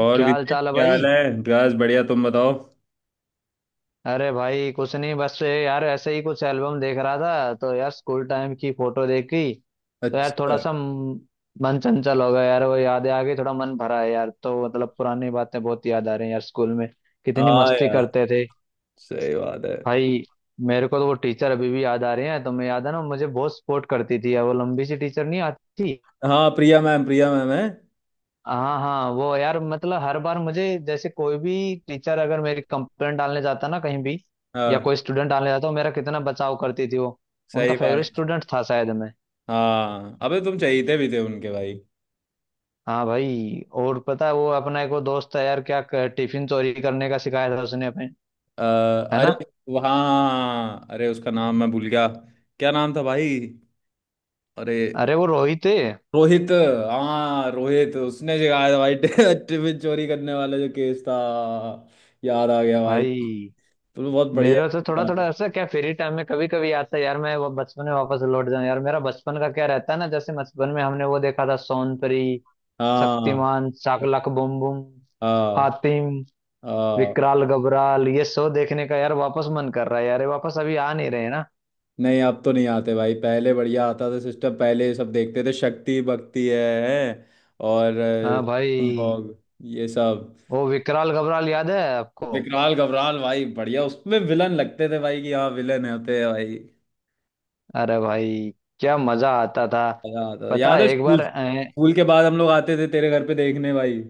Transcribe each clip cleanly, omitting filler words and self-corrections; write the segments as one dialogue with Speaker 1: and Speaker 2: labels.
Speaker 1: और
Speaker 2: क्या हाल
Speaker 1: विनीत
Speaker 2: चाल है
Speaker 1: क्या हाल
Speaker 2: भाई।
Speaker 1: है। बस बढ़िया। तुम बताओ।
Speaker 2: अरे भाई कुछ नहीं बस ये यार ऐसे ही कुछ एल्बम देख रहा था तो यार स्कूल टाइम की फोटो देखी। तो यार थोड़ा
Speaker 1: अच्छा।
Speaker 2: सा मन चंचल हो गया यार, वो यादें आ गई, थोड़ा मन भरा है यार। तो मतलब पुरानी बातें बहुत याद आ रही हैं यार, स्कूल में कितनी
Speaker 1: हाँ
Speaker 2: मस्ती
Speaker 1: यार।
Speaker 2: करते थे
Speaker 1: सही बात है।
Speaker 2: भाई। मेरे को तो वो टीचर अभी भी याद आ रहे हैं। तो मैं, याद है ना, मुझे बहुत सपोर्ट करती थी यार वो लंबी सी टीचर, नहीं आती।
Speaker 1: हाँ, प्रिया मैम। प्रिया मैम है।
Speaker 2: हाँ हाँ वो यार, मतलब हर बार मुझे जैसे कोई भी टीचर अगर मेरी कंप्लेंट डालने जाता ना कहीं भी, या
Speaker 1: हाँ,
Speaker 2: कोई स्टूडेंट डालने जाता, वो मेरा कितना बचाव करती थी वो। उनका
Speaker 1: सही
Speaker 2: फेवरेट
Speaker 1: बात।
Speaker 2: स्टूडेंट था शायद मैं।
Speaker 1: हाँ, अबे तुम चहेते भी थे उनके, भाई।
Speaker 2: हाँ भाई। और पता है वो अपना एक वो दोस्त है यार, टिफिन चोरी करने का सिखाया था उसने अपने, है ना।
Speaker 1: अरे। हाँ, अरे उसका नाम मैं भूल गया। क्या नाम था भाई? अरे।
Speaker 2: अरे वो रोहित है
Speaker 1: रोहित। हाँ रोहित, उसने सिखाया था भाई। टिफिन चोरी करने वाला जो केस था। याद आ गया भाई।
Speaker 2: भाई।
Speaker 1: तुम बहुत बढ़िया।
Speaker 2: मेरा तो थोड़ा
Speaker 1: याद है।
Speaker 2: थोड़ा ऐसा क्या फ्री टाइम में कभी कभी आता है यार, मैं वो बचपन में वापस लौट जाऊं यार। मेरा बचपन का क्या रहता है ना, जैसे बचपन में हमने वो देखा था सोनपरी,
Speaker 1: हाँ,
Speaker 2: शक्तिमान, शाकलाक बूम बूम,
Speaker 1: हाँ,
Speaker 2: हातिम,
Speaker 1: हाँ।
Speaker 2: विकराल गबराल। ये शो देखने का यार वापस मन कर रहा है यार। ये वापस अभी आ नहीं रहे हैं ना।
Speaker 1: नहीं, अब तो नहीं आते भाई। पहले बढ़िया आता था सिस्टम, पहले सब देखते थे, शक्ति भक्ति है, है? और
Speaker 2: हाँ भाई।
Speaker 1: Bulldog, ये सब।
Speaker 2: वो विकराल गबराल याद है आपको।
Speaker 1: विकराल घबराल भाई। बढ़िया उसमें विलन लगते थे भाई, कि हाँ विलन होते हैं भाई।
Speaker 2: अरे भाई क्या मजा आता था।
Speaker 1: मजा आता था।
Speaker 2: पता
Speaker 1: याद
Speaker 2: है
Speaker 1: है,
Speaker 2: एक
Speaker 1: स्कूल
Speaker 2: बार
Speaker 1: स्कूल के बाद हम लोग आते थे तेरे घर पे देखने भाई।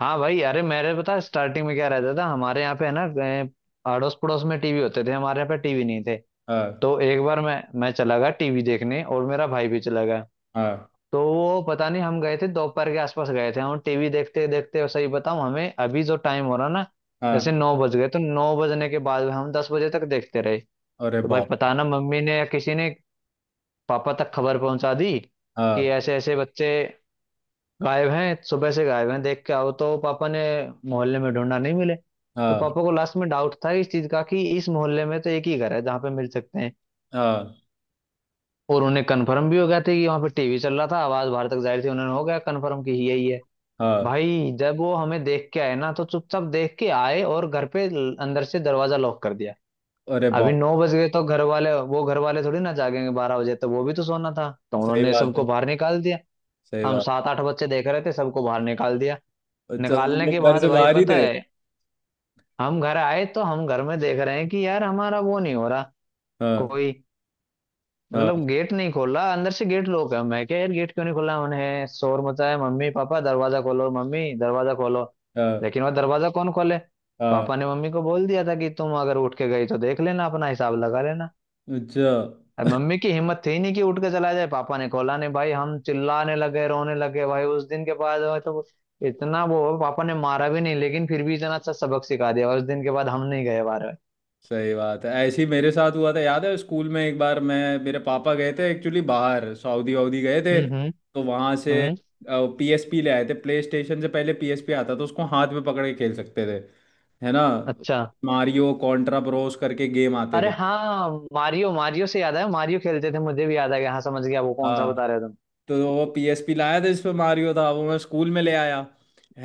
Speaker 2: हाँ भाई। अरे मेरे, पता स्टार्टिंग में क्या रहता था हमारे यहाँ पे है ना, अड़ोस पड़ोस में टीवी होते थे, हमारे यहाँ पे टीवी नहीं थे।
Speaker 1: हाँ,
Speaker 2: तो एक बार मैं चला गया टीवी देखने, और मेरा भाई भी चला गया।
Speaker 1: हाँ,
Speaker 2: तो वो पता नहीं, हम गए थे दोपहर के आसपास गए थे हम। टीवी देखते देखते, सही बताऊं हमें, अभी जो टाइम हो रहा ना
Speaker 1: हाँ।
Speaker 2: जैसे 9 बज गए। तो 9 बजने के बाद हम 10 बजे तक देखते रहे।
Speaker 1: अरे
Speaker 2: तो भाई
Speaker 1: बाप।
Speaker 2: पता ना, मम्मी ने या किसी ने पापा तक खबर पहुंचा दी कि
Speaker 1: हाँ,
Speaker 2: ऐसे ऐसे बच्चे गायब हैं, सुबह से गायब हैं, देख के आओ। तो पापा ने मोहल्ले में ढूंढा, नहीं मिले। तो
Speaker 1: हाँ,
Speaker 2: पापा को लास्ट में डाउट था इस चीज का, कि इस मोहल्ले में तो एक ही घर है जहाँ पे मिल सकते हैं।
Speaker 1: हाँ,
Speaker 2: और उन्हें कन्फर्म भी हो गया था कि वहां पे टीवी चल रहा था, आवाज बाहर तक जाहिर थी, उन्हें हो गया कन्फर्म कि यही है।
Speaker 1: हाँ।
Speaker 2: भाई जब वो हमें देख के आए ना, तो चुपचाप देख के आए, और घर पे अंदर से दरवाजा लॉक कर दिया।
Speaker 1: अरे
Speaker 2: अभी
Speaker 1: बाप।
Speaker 2: 9 बज गए, तो घर वाले, वो घर वाले थोड़ी ना जागेंगे 12 बजे, तो वो भी तो सोना था, तो
Speaker 1: सही
Speaker 2: उन्होंने
Speaker 1: बात है।
Speaker 2: सबको बाहर निकाल दिया।
Speaker 1: सही
Speaker 2: हम
Speaker 1: बात।
Speaker 2: सात आठ बच्चे देख रहे थे, सबको बाहर निकाल दिया।
Speaker 1: अच्छा तो तुम
Speaker 2: निकालने के
Speaker 1: लोग घर
Speaker 2: बाद
Speaker 1: से
Speaker 2: भाई
Speaker 1: बाहर ही
Speaker 2: पता
Speaker 1: थे?
Speaker 2: है, हम घर आए तो हम घर में देख रहे हैं कि यार हमारा वो नहीं हो रहा
Speaker 1: हाँ,
Speaker 2: कोई,
Speaker 1: हाँ,
Speaker 2: मतलब गेट नहीं खोला, अंदर से गेट लॉक है। मैं क्या यार, गेट क्यों नहीं खोला उन्हें, शोर मचाया, मम्मी पापा दरवाजा खोलो, मम्मी दरवाजा खोलो।
Speaker 1: हाँ,
Speaker 2: लेकिन वह दरवाजा कौन खोले।
Speaker 1: हाँ।
Speaker 2: पापा ने मम्मी को बोल दिया था कि तुम अगर उठ के गई तो देख लेना, अपना हिसाब लगा लेना।
Speaker 1: अच्छा।
Speaker 2: अब मम्मी की हिम्मत थी नहीं कि उठ के चला जाए, पापा ने खोला नहीं भाई। हम चिल्लाने लगे, रोने लगे भाई। उस दिन के बाद वो तो, इतना वो पापा ने मारा भी नहीं, लेकिन फिर भी इतना अच्छा सबक सिखा दिया, उस दिन के बाद हम नहीं गए बार।
Speaker 1: सही बात है। ऐसे ही मेरे साथ हुआ था, याद है स्कूल में एक बार। मैं मेरे पापा गए थे एक्चुअली बाहर, सऊदी वऊदी गए थे।
Speaker 2: हम्म, हम्म,
Speaker 1: तो वहां से
Speaker 2: हम्म।
Speaker 1: पीएसपी ले आए थे। प्ले स्टेशन से पहले पीएसपी आता, तो उसको हाथ में पकड़ के खेल सकते थे। है ना।
Speaker 2: अच्छा।
Speaker 1: मारियो, कॉन्ट्रा ब्रोस करके गेम आते
Speaker 2: अरे
Speaker 1: थे।
Speaker 2: हाँ मारियो, मारियो से याद है, मारियो खेलते थे, मुझे भी याद आ गया, हाँ समझ गया वो कौन सा
Speaker 1: हाँ।
Speaker 2: बता रहे हो तुम।
Speaker 1: तो वो पीएसपी लाया था, इसमें मारियो था, वो मैं स्कूल में ले आया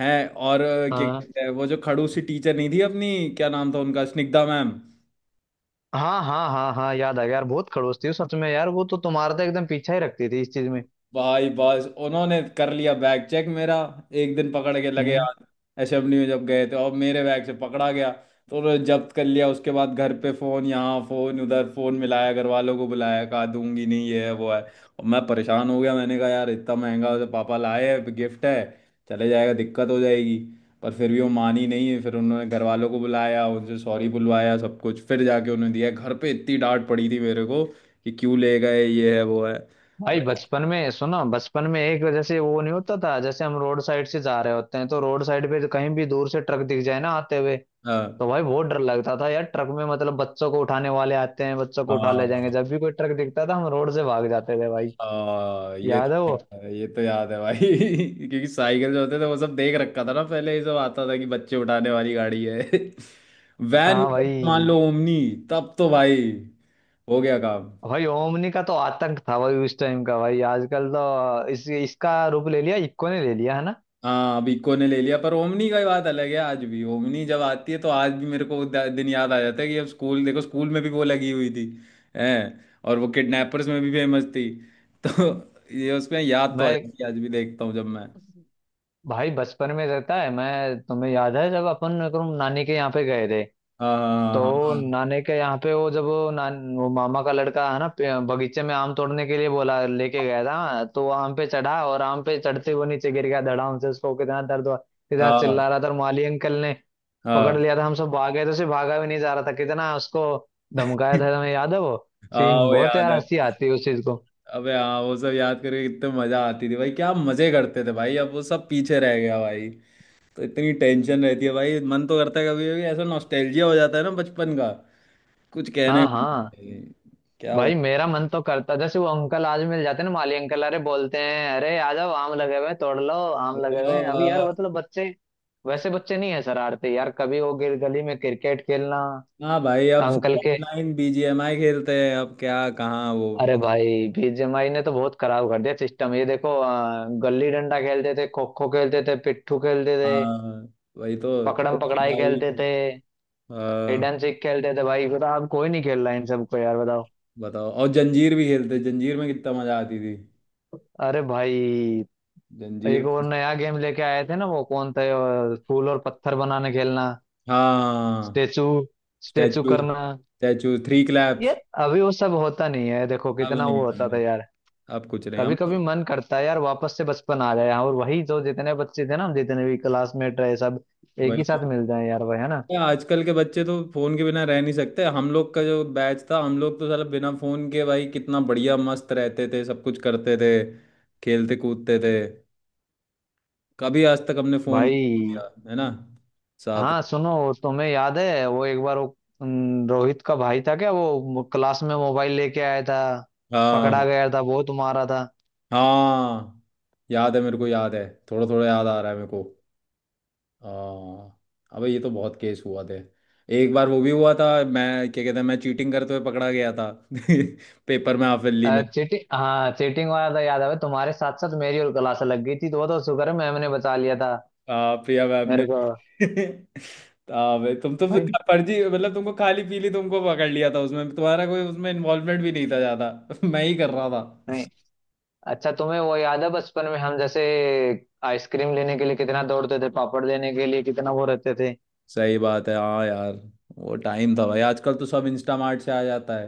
Speaker 1: है। और क्या
Speaker 2: हाँ
Speaker 1: कहते हैं वो जो खड़ूसी टीचर नहीं थी अपनी, क्या नाम था उनका, स्निग्धा मैम।
Speaker 2: हाँ हाँ हाँ, हाँ याद आ गया यार, बहुत खड़ूस थी वो सच में यार। वो तो तुम्हारा तो एकदम पीछा ही रखती थी इस चीज में।
Speaker 1: भाई बस उन्होंने कर लिया बैग चेक मेरा। एक दिन पकड़ के लगे
Speaker 2: हम्म।
Speaker 1: यार। एसएमडी में जब गए थे और मेरे बैग से पकड़ा गया। तो उन्होंने जब्त कर लिया। उसके बाद घर पे फोन, यहाँ फोन, उधर फोन मिलाया, घर वालों को बुलाया, कहा दूंगी नहीं, ये है वो है। और मैं परेशान हो गया, मैंने कहा यार इतना महंगा, उसे पापा लाए हैं, गिफ्ट है, चले जाएगा, दिक्कत हो जाएगी। पर फिर भी वो मानी नहीं है। फिर उन्होंने घर वालों को बुलाया, उनसे सॉरी बुलवाया सब कुछ, फिर जाके उन्होंने दिया। घर पे इतनी डांट पड़ी थी मेरे को कि क्यों ले गए, ये है वो है।
Speaker 2: भाई
Speaker 1: पर
Speaker 2: बचपन में सुनो, बचपन में एक जैसे वो नहीं होता था, जैसे हम रोड साइड से जा रहे होते हैं तो रोड साइड पे कहीं भी दूर से ट्रक दिख जाए ना आते हुए,
Speaker 1: हाँ,
Speaker 2: तो भाई बहुत डर लगता था यार ट्रक में, मतलब बच्चों को उठाने वाले आते हैं, बच्चों को उठा ले जाएंगे,
Speaker 1: हाँ,
Speaker 2: जब भी कोई ट्रक दिखता था हम रोड से भाग जाते थे भाई।
Speaker 1: हाँ। ये तो
Speaker 2: याद है वो।
Speaker 1: याद है, ये तो याद है भाई। क्योंकि साइकिल जो होते थे, वो सब देख रखा था ना। पहले ये सब आता था कि बच्चे उठाने वाली गाड़ी है। वैन में
Speaker 2: हाँ
Speaker 1: तो मान
Speaker 2: भाई।
Speaker 1: लो ओमनी। तब तो भाई हो गया काम।
Speaker 2: भाई ओमनी का तो आतंक था भाई उस टाइम का। भाई आजकल तो इस इसका रूप ले लिया, इक्को ने ले लिया, है ना।
Speaker 1: हाँ, अब इको ने ले लिया, पर ओमनी का ही बात अलग है। आज भी ओमनी जब आती है, तो आज भी मेरे को वो दिन याद आ जाता है कि अब स्कूल, देखो स्कूल में भी वो लगी हुई थी है। और वो किडनैपर्स में भी फेमस थी। तो ये उसमें याद तो आ
Speaker 2: मैं,
Speaker 1: जाती है, आज भी देखता हूँ जब मैं।
Speaker 2: भाई बचपन में रहता है, मैं तुम्हें याद है जब अपन एकदम नानी के यहाँ पे गए थे।
Speaker 1: हाँ, हाँ, हाँ, हाँ।
Speaker 2: तो
Speaker 1: हाँ।
Speaker 2: नानी के यहाँ पे वो, जब वो, वो मामा का लड़का है ना, बगीचे में आम तोड़ने के लिए बोला, लेके गया था। तो वो आम पे चढ़ा, और आम पे चढ़ते हुए नीचे गिर गया धड़ाम से, उसको कितना दर्द हुआ, कितना
Speaker 1: हाँ,
Speaker 2: चिल्ला रहा था, और माली अंकल ने पकड़
Speaker 1: हाँ।
Speaker 2: लिया था। हम सब भाग गए, तो उसे भागा भी नहीं जा रहा था, कितना उसको धमकाया था, तुम्हें याद है वो
Speaker 1: हाँ
Speaker 2: सीन।
Speaker 1: वो
Speaker 2: बहुत
Speaker 1: याद
Speaker 2: यार हंसी
Speaker 1: है।
Speaker 2: आती है उस चीज को।
Speaker 1: अबे हाँ, वो सब याद करके कितने मजा आती थी भाई। क्या मजे करते थे भाई। अब वो सब पीछे रह गया भाई। तो इतनी टेंशन रहती है भाई। मन तो करता है, कभी कभी ऐसा नॉस्टैल्जिया हो जाता है ना, बचपन का। कुछ कहने
Speaker 2: हाँ
Speaker 1: को
Speaker 2: हाँ।
Speaker 1: नहीं है। क्या
Speaker 2: भाई
Speaker 1: बताऊं।
Speaker 2: मेरा मन तो करता जैसे वो अंकल आज मिल जाते ना माली अंकल, अरे बोलते हैं अरे आ जाओ आम लगे हुए हैं, तोड़ लो आम लगे
Speaker 1: चलो
Speaker 2: हुए हैं अभी यार।
Speaker 1: हाँ।
Speaker 2: मतलब बच्चे वैसे बच्चे नहीं है, शरारते यार कभी, वो गिर गली में क्रिकेट खेलना
Speaker 1: हाँ भाई, अब सब
Speaker 2: अंकल के।
Speaker 1: ऑनलाइन बीजीएमआई खेलते हैं। अब क्या, कहाँ वो।
Speaker 2: अरे भाई बीजेएमआई ने तो बहुत खराब कर दिया सिस्टम। ये देखो गली डंडा खेलते थे, खो खो खेलते थे, पिट्ठू खेलते थे,
Speaker 1: हाँ, वही तो
Speaker 2: पकड़म पकड़ाई खेलते
Speaker 1: भाई।
Speaker 2: थे,
Speaker 1: हाँ,
Speaker 2: हिडन सीख खेलते थे भाई। बता, अब कोई नहीं खेल रहा है इन सबको यार, बताओ।
Speaker 1: बताओ। और जंजीर भी खेलते, जंजीर में कितना मजा आती थी।
Speaker 2: अरे भाई
Speaker 1: जंजीर।
Speaker 2: एक और नया गेम लेके आए थे ना वो कौन था, फूल और पत्थर बनाने खेलना,
Speaker 1: हाँ,
Speaker 2: स्टेचू स्टेचू
Speaker 1: स्टैचू,
Speaker 2: करना
Speaker 1: स्टैचू थ्री
Speaker 2: ये।
Speaker 1: क्लैप्स।
Speaker 2: अभी वो सब होता नहीं है, देखो
Speaker 1: अब
Speaker 2: कितना वो
Speaker 1: नहीं
Speaker 2: होता था
Speaker 1: हमने,
Speaker 2: यार।
Speaker 1: अब कुछ नहीं हम
Speaker 2: कभी कभी
Speaker 1: लोग।
Speaker 2: मन करता है यार वापस से बचपन आ जाए, हाँ, और वही जो जितने बच्चे थे ना, हम जितने भी क्लासमेट रहे सब एक
Speaker 1: वही
Speaker 2: ही
Speaker 1: तो।
Speaker 2: साथ मिल जाए यार भाई, है ना।
Speaker 1: क्या, आजकल के बच्चे तो फोन के बिना रह नहीं सकते। हम लोग का जो बैच था, हम लोग तो साला बिना फोन के भाई कितना बढ़िया मस्त रहते थे, सब कुछ करते थे, खेलते कूदते थे। कभी आज तक हमने फोन नहीं
Speaker 2: भाई।
Speaker 1: किया, है ना, साथ।
Speaker 2: हाँ सुनो, तुम्हें याद है वो एक बार वो, रोहित का भाई था क्या वो, क्लास में मोबाइल लेके आया था,
Speaker 1: हाँ,
Speaker 2: पकड़ा गया था, वो तुम्हारा था।
Speaker 1: हाँ। याद है, मेरे को याद है, थोड़ा थोड़ा याद आ रहा है मेरे को। हाँ। अबे ये तो बहुत केस हुआ थे। एक बार वो भी हुआ था। मैं, क्या कहते हैं, मैं चीटिंग करते हुए पकड़ा गया था। पेपर में, हाफिली में।
Speaker 2: चीटिंग, हाँ चीटिंग वाला था, याद है भाई, तुम्हारे साथ साथ मेरी और क्लास लग गई थी, तो वो तो शुक्र है मैम ने बचा लिया था
Speaker 1: प्रिया मैम ने।
Speaker 2: मेरे को
Speaker 1: बे, तुम तो फिर
Speaker 2: भाई।
Speaker 1: फर्जी, मतलब तुमको खाली पीली तुमको पकड़ लिया था, उसमें तुम्हारा कोई उसमें इन्वॉल्वमेंट भी नहीं था ज्यादा। मैं ही कर रहा था।
Speaker 2: नहीं। अच्छा तुम्हें वो याद है बचपन में हम जैसे आइसक्रीम लेने के लिए कितना दौड़ते थे, पापड़ लेने के लिए कितना वो रहते थे।
Speaker 1: सही बात है, हाँ यार। वो टाइम था भाई। आजकल तो सब इंस्टामार्ट से आ जाता है।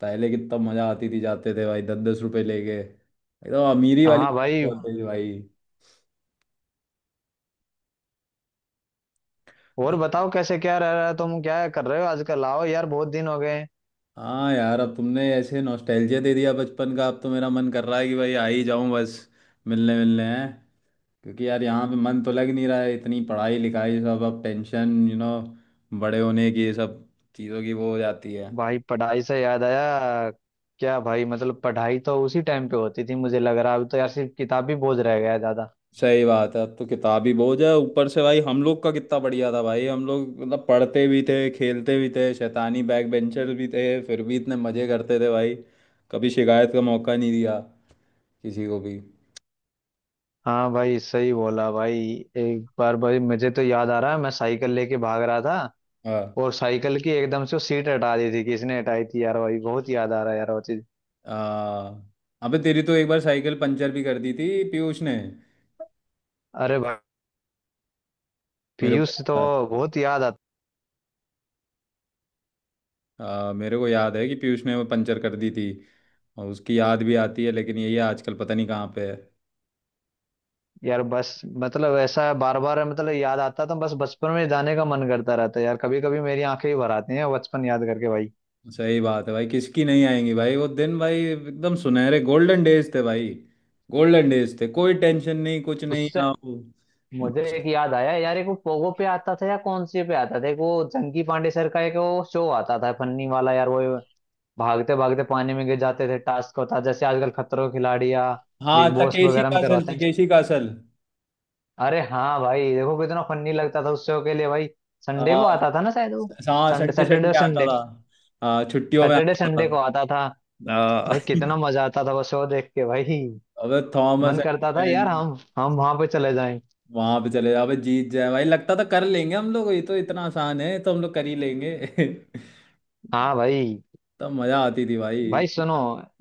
Speaker 1: पहले कितना मजा आती थी, जाते थे भाई दस दस रुपए लेके, एकदम अमीरी वाली
Speaker 2: हाँ
Speaker 1: चीज़
Speaker 2: भाई।
Speaker 1: होती थी भाई।
Speaker 2: और बताओ कैसे, क्या रह रहा है, तुम क्या कर रहे हो आजकल, आओ यार बहुत दिन हो गए।
Speaker 1: हाँ यार, अब तुमने ऐसे नॉस्टैल्जिया दे दिया बचपन का, अब तो मेरा मन कर रहा है कि भाई आ ही जाऊं बस, मिलने मिलने हैं। क्योंकि यार यहाँ पे मन तो लग नहीं रहा है, इतनी पढ़ाई लिखाई, सब अब टेंशन यू नो, बड़े होने की ये सब चीज़ों की वो हो जाती है।
Speaker 2: भाई पढ़ाई से याद आया, क्या भाई मतलब पढ़ाई तो उसी टाइम पे होती थी, मुझे लग रहा है। अभी तो यार सिर्फ किताबी बोझ रह गया है ज्यादा।
Speaker 1: सही बात है, अब तो किताबी बोझ है ऊपर से भाई। हम लोग का कितना बढ़िया था भाई, हम लोग मतलब पढ़ते भी थे, खेलते भी थे, शैतानी बैक बेंचर भी थे, फिर भी इतने मज़े करते थे भाई। कभी शिकायत का मौका नहीं दिया किसी को भी।
Speaker 2: हाँ भाई सही बोला भाई। एक बार भाई मुझे तो याद आ रहा है, मैं साइकिल लेके भाग रहा था,
Speaker 1: हाँ।
Speaker 2: और साइकिल की एकदम से वो सीट हटा दी थी, किसने हटाई थी यार भाई, बहुत याद आ रहा है यार वो चीज।
Speaker 1: आ, अबे तेरी तो एक बार साइकिल पंचर भी कर दी थी पीयूष ने।
Speaker 2: अरे भाई,
Speaker 1: मेरे को
Speaker 2: पीयूष तो
Speaker 1: याद
Speaker 2: बहुत याद आता।
Speaker 1: है। मेरे को याद है कि पीयूष ने वो पंचर कर दी थी। और उसकी याद भी आती है, लेकिन यही आजकल पता नहीं कहाँ पे है।
Speaker 2: यार बस मतलब ऐसा बार बार मतलब याद आता, तो बस बचपन में जाने का मन करता रहता है यार। कभी कभी मेरी आंखें ही भर आती हैं बचपन याद करके भाई।
Speaker 1: सही बात है भाई, किसकी नहीं आएंगी भाई। वो दिन भाई एकदम सुनहरे गोल्डन डेज थे भाई। गोल्डन डेज थे, कोई टेंशन नहीं, कुछ नहीं।
Speaker 2: उससे
Speaker 1: आओ।
Speaker 2: मुझे
Speaker 1: बस-
Speaker 2: एक याद आया यार, एक वो पोगो पे आता था या कौन सी पे आता था एक वो, जंकी पांडे सर का एक वो शो आता था फन्नी वाला यार। वो भागते भागते पानी में गिर जाते थे, टास्क होता था, जैसे आजकल खतरों के खिलाड़ी या
Speaker 1: हाँ,
Speaker 2: बिग बॉस
Speaker 1: तकेशी
Speaker 2: वगैरह
Speaker 1: का
Speaker 2: में
Speaker 1: असल
Speaker 2: करवाते हैं।
Speaker 1: तकेशी का असल
Speaker 2: अरे हाँ भाई देखो कितना फन्नी लगता था उस शो के लिए भाई। संडे को आता था ना शायद वो,
Speaker 1: हाँ,
Speaker 2: संडे,
Speaker 1: संडे,
Speaker 2: सैटरडे और
Speaker 1: संडे आता
Speaker 2: संडे,
Speaker 1: था। हाँ, छुट्टियों में
Speaker 2: सैटरडे
Speaker 1: आता
Speaker 2: संडे
Speaker 1: था।
Speaker 2: को आता था।
Speaker 1: हाँ।
Speaker 2: भाई कितना मजा आता था वो शो देख के भाई।
Speaker 1: अबे
Speaker 2: मन
Speaker 1: थॉमस।
Speaker 2: करता था यार हम वहां पे चले जाएं।
Speaker 1: वहां पे चले जाओ, अबे जीत जाए भाई, लगता था कर लेंगे हम लोग, ये तो इतना आसान है, तो हम लोग कर ही लेंगे।
Speaker 2: हाँ भाई।
Speaker 1: तब मजा आती थी भाई।
Speaker 2: भाई सुनो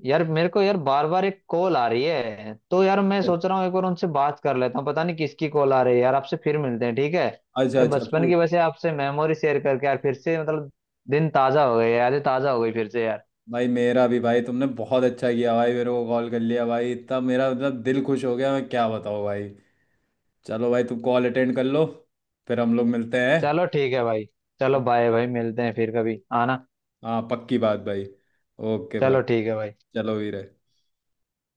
Speaker 2: यार मेरे को यार, बार बार एक कॉल आ रही है, तो यार मैं सोच रहा हूँ एक बार उनसे बात कर लेता हूँ, पता नहीं किसकी कॉल आ रही है यार। आपसे फिर मिलते हैं, ठीक है
Speaker 1: अच्छा
Speaker 2: यार।
Speaker 1: अच्छा,
Speaker 2: बचपन
Speaker 1: कोई।
Speaker 2: की वैसे आपसे मेमोरी शेयर करके यार, फिर से मतलब दिन ताजा हो गए, यादें ताजा हो गई फिर से यार।
Speaker 1: भाई मेरा भी भाई, तुमने बहुत अच्छा किया भाई, मेरे को कॉल कर लिया भाई, तब मेरा मतलब दिल खुश हो गया, मैं क्या बताऊँ भाई। चलो भाई, तुम कॉल अटेंड कर लो, फिर हम लोग मिलते हैं।
Speaker 2: चलो ठीक है भाई। चलो बाय भाई, मिलते हैं फिर, कभी आना।
Speaker 1: हाँ पक्की बात भाई। ओके
Speaker 2: चलो
Speaker 1: ब्रदर।
Speaker 2: ठीक है भाई।
Speaker 1: चलो वीर।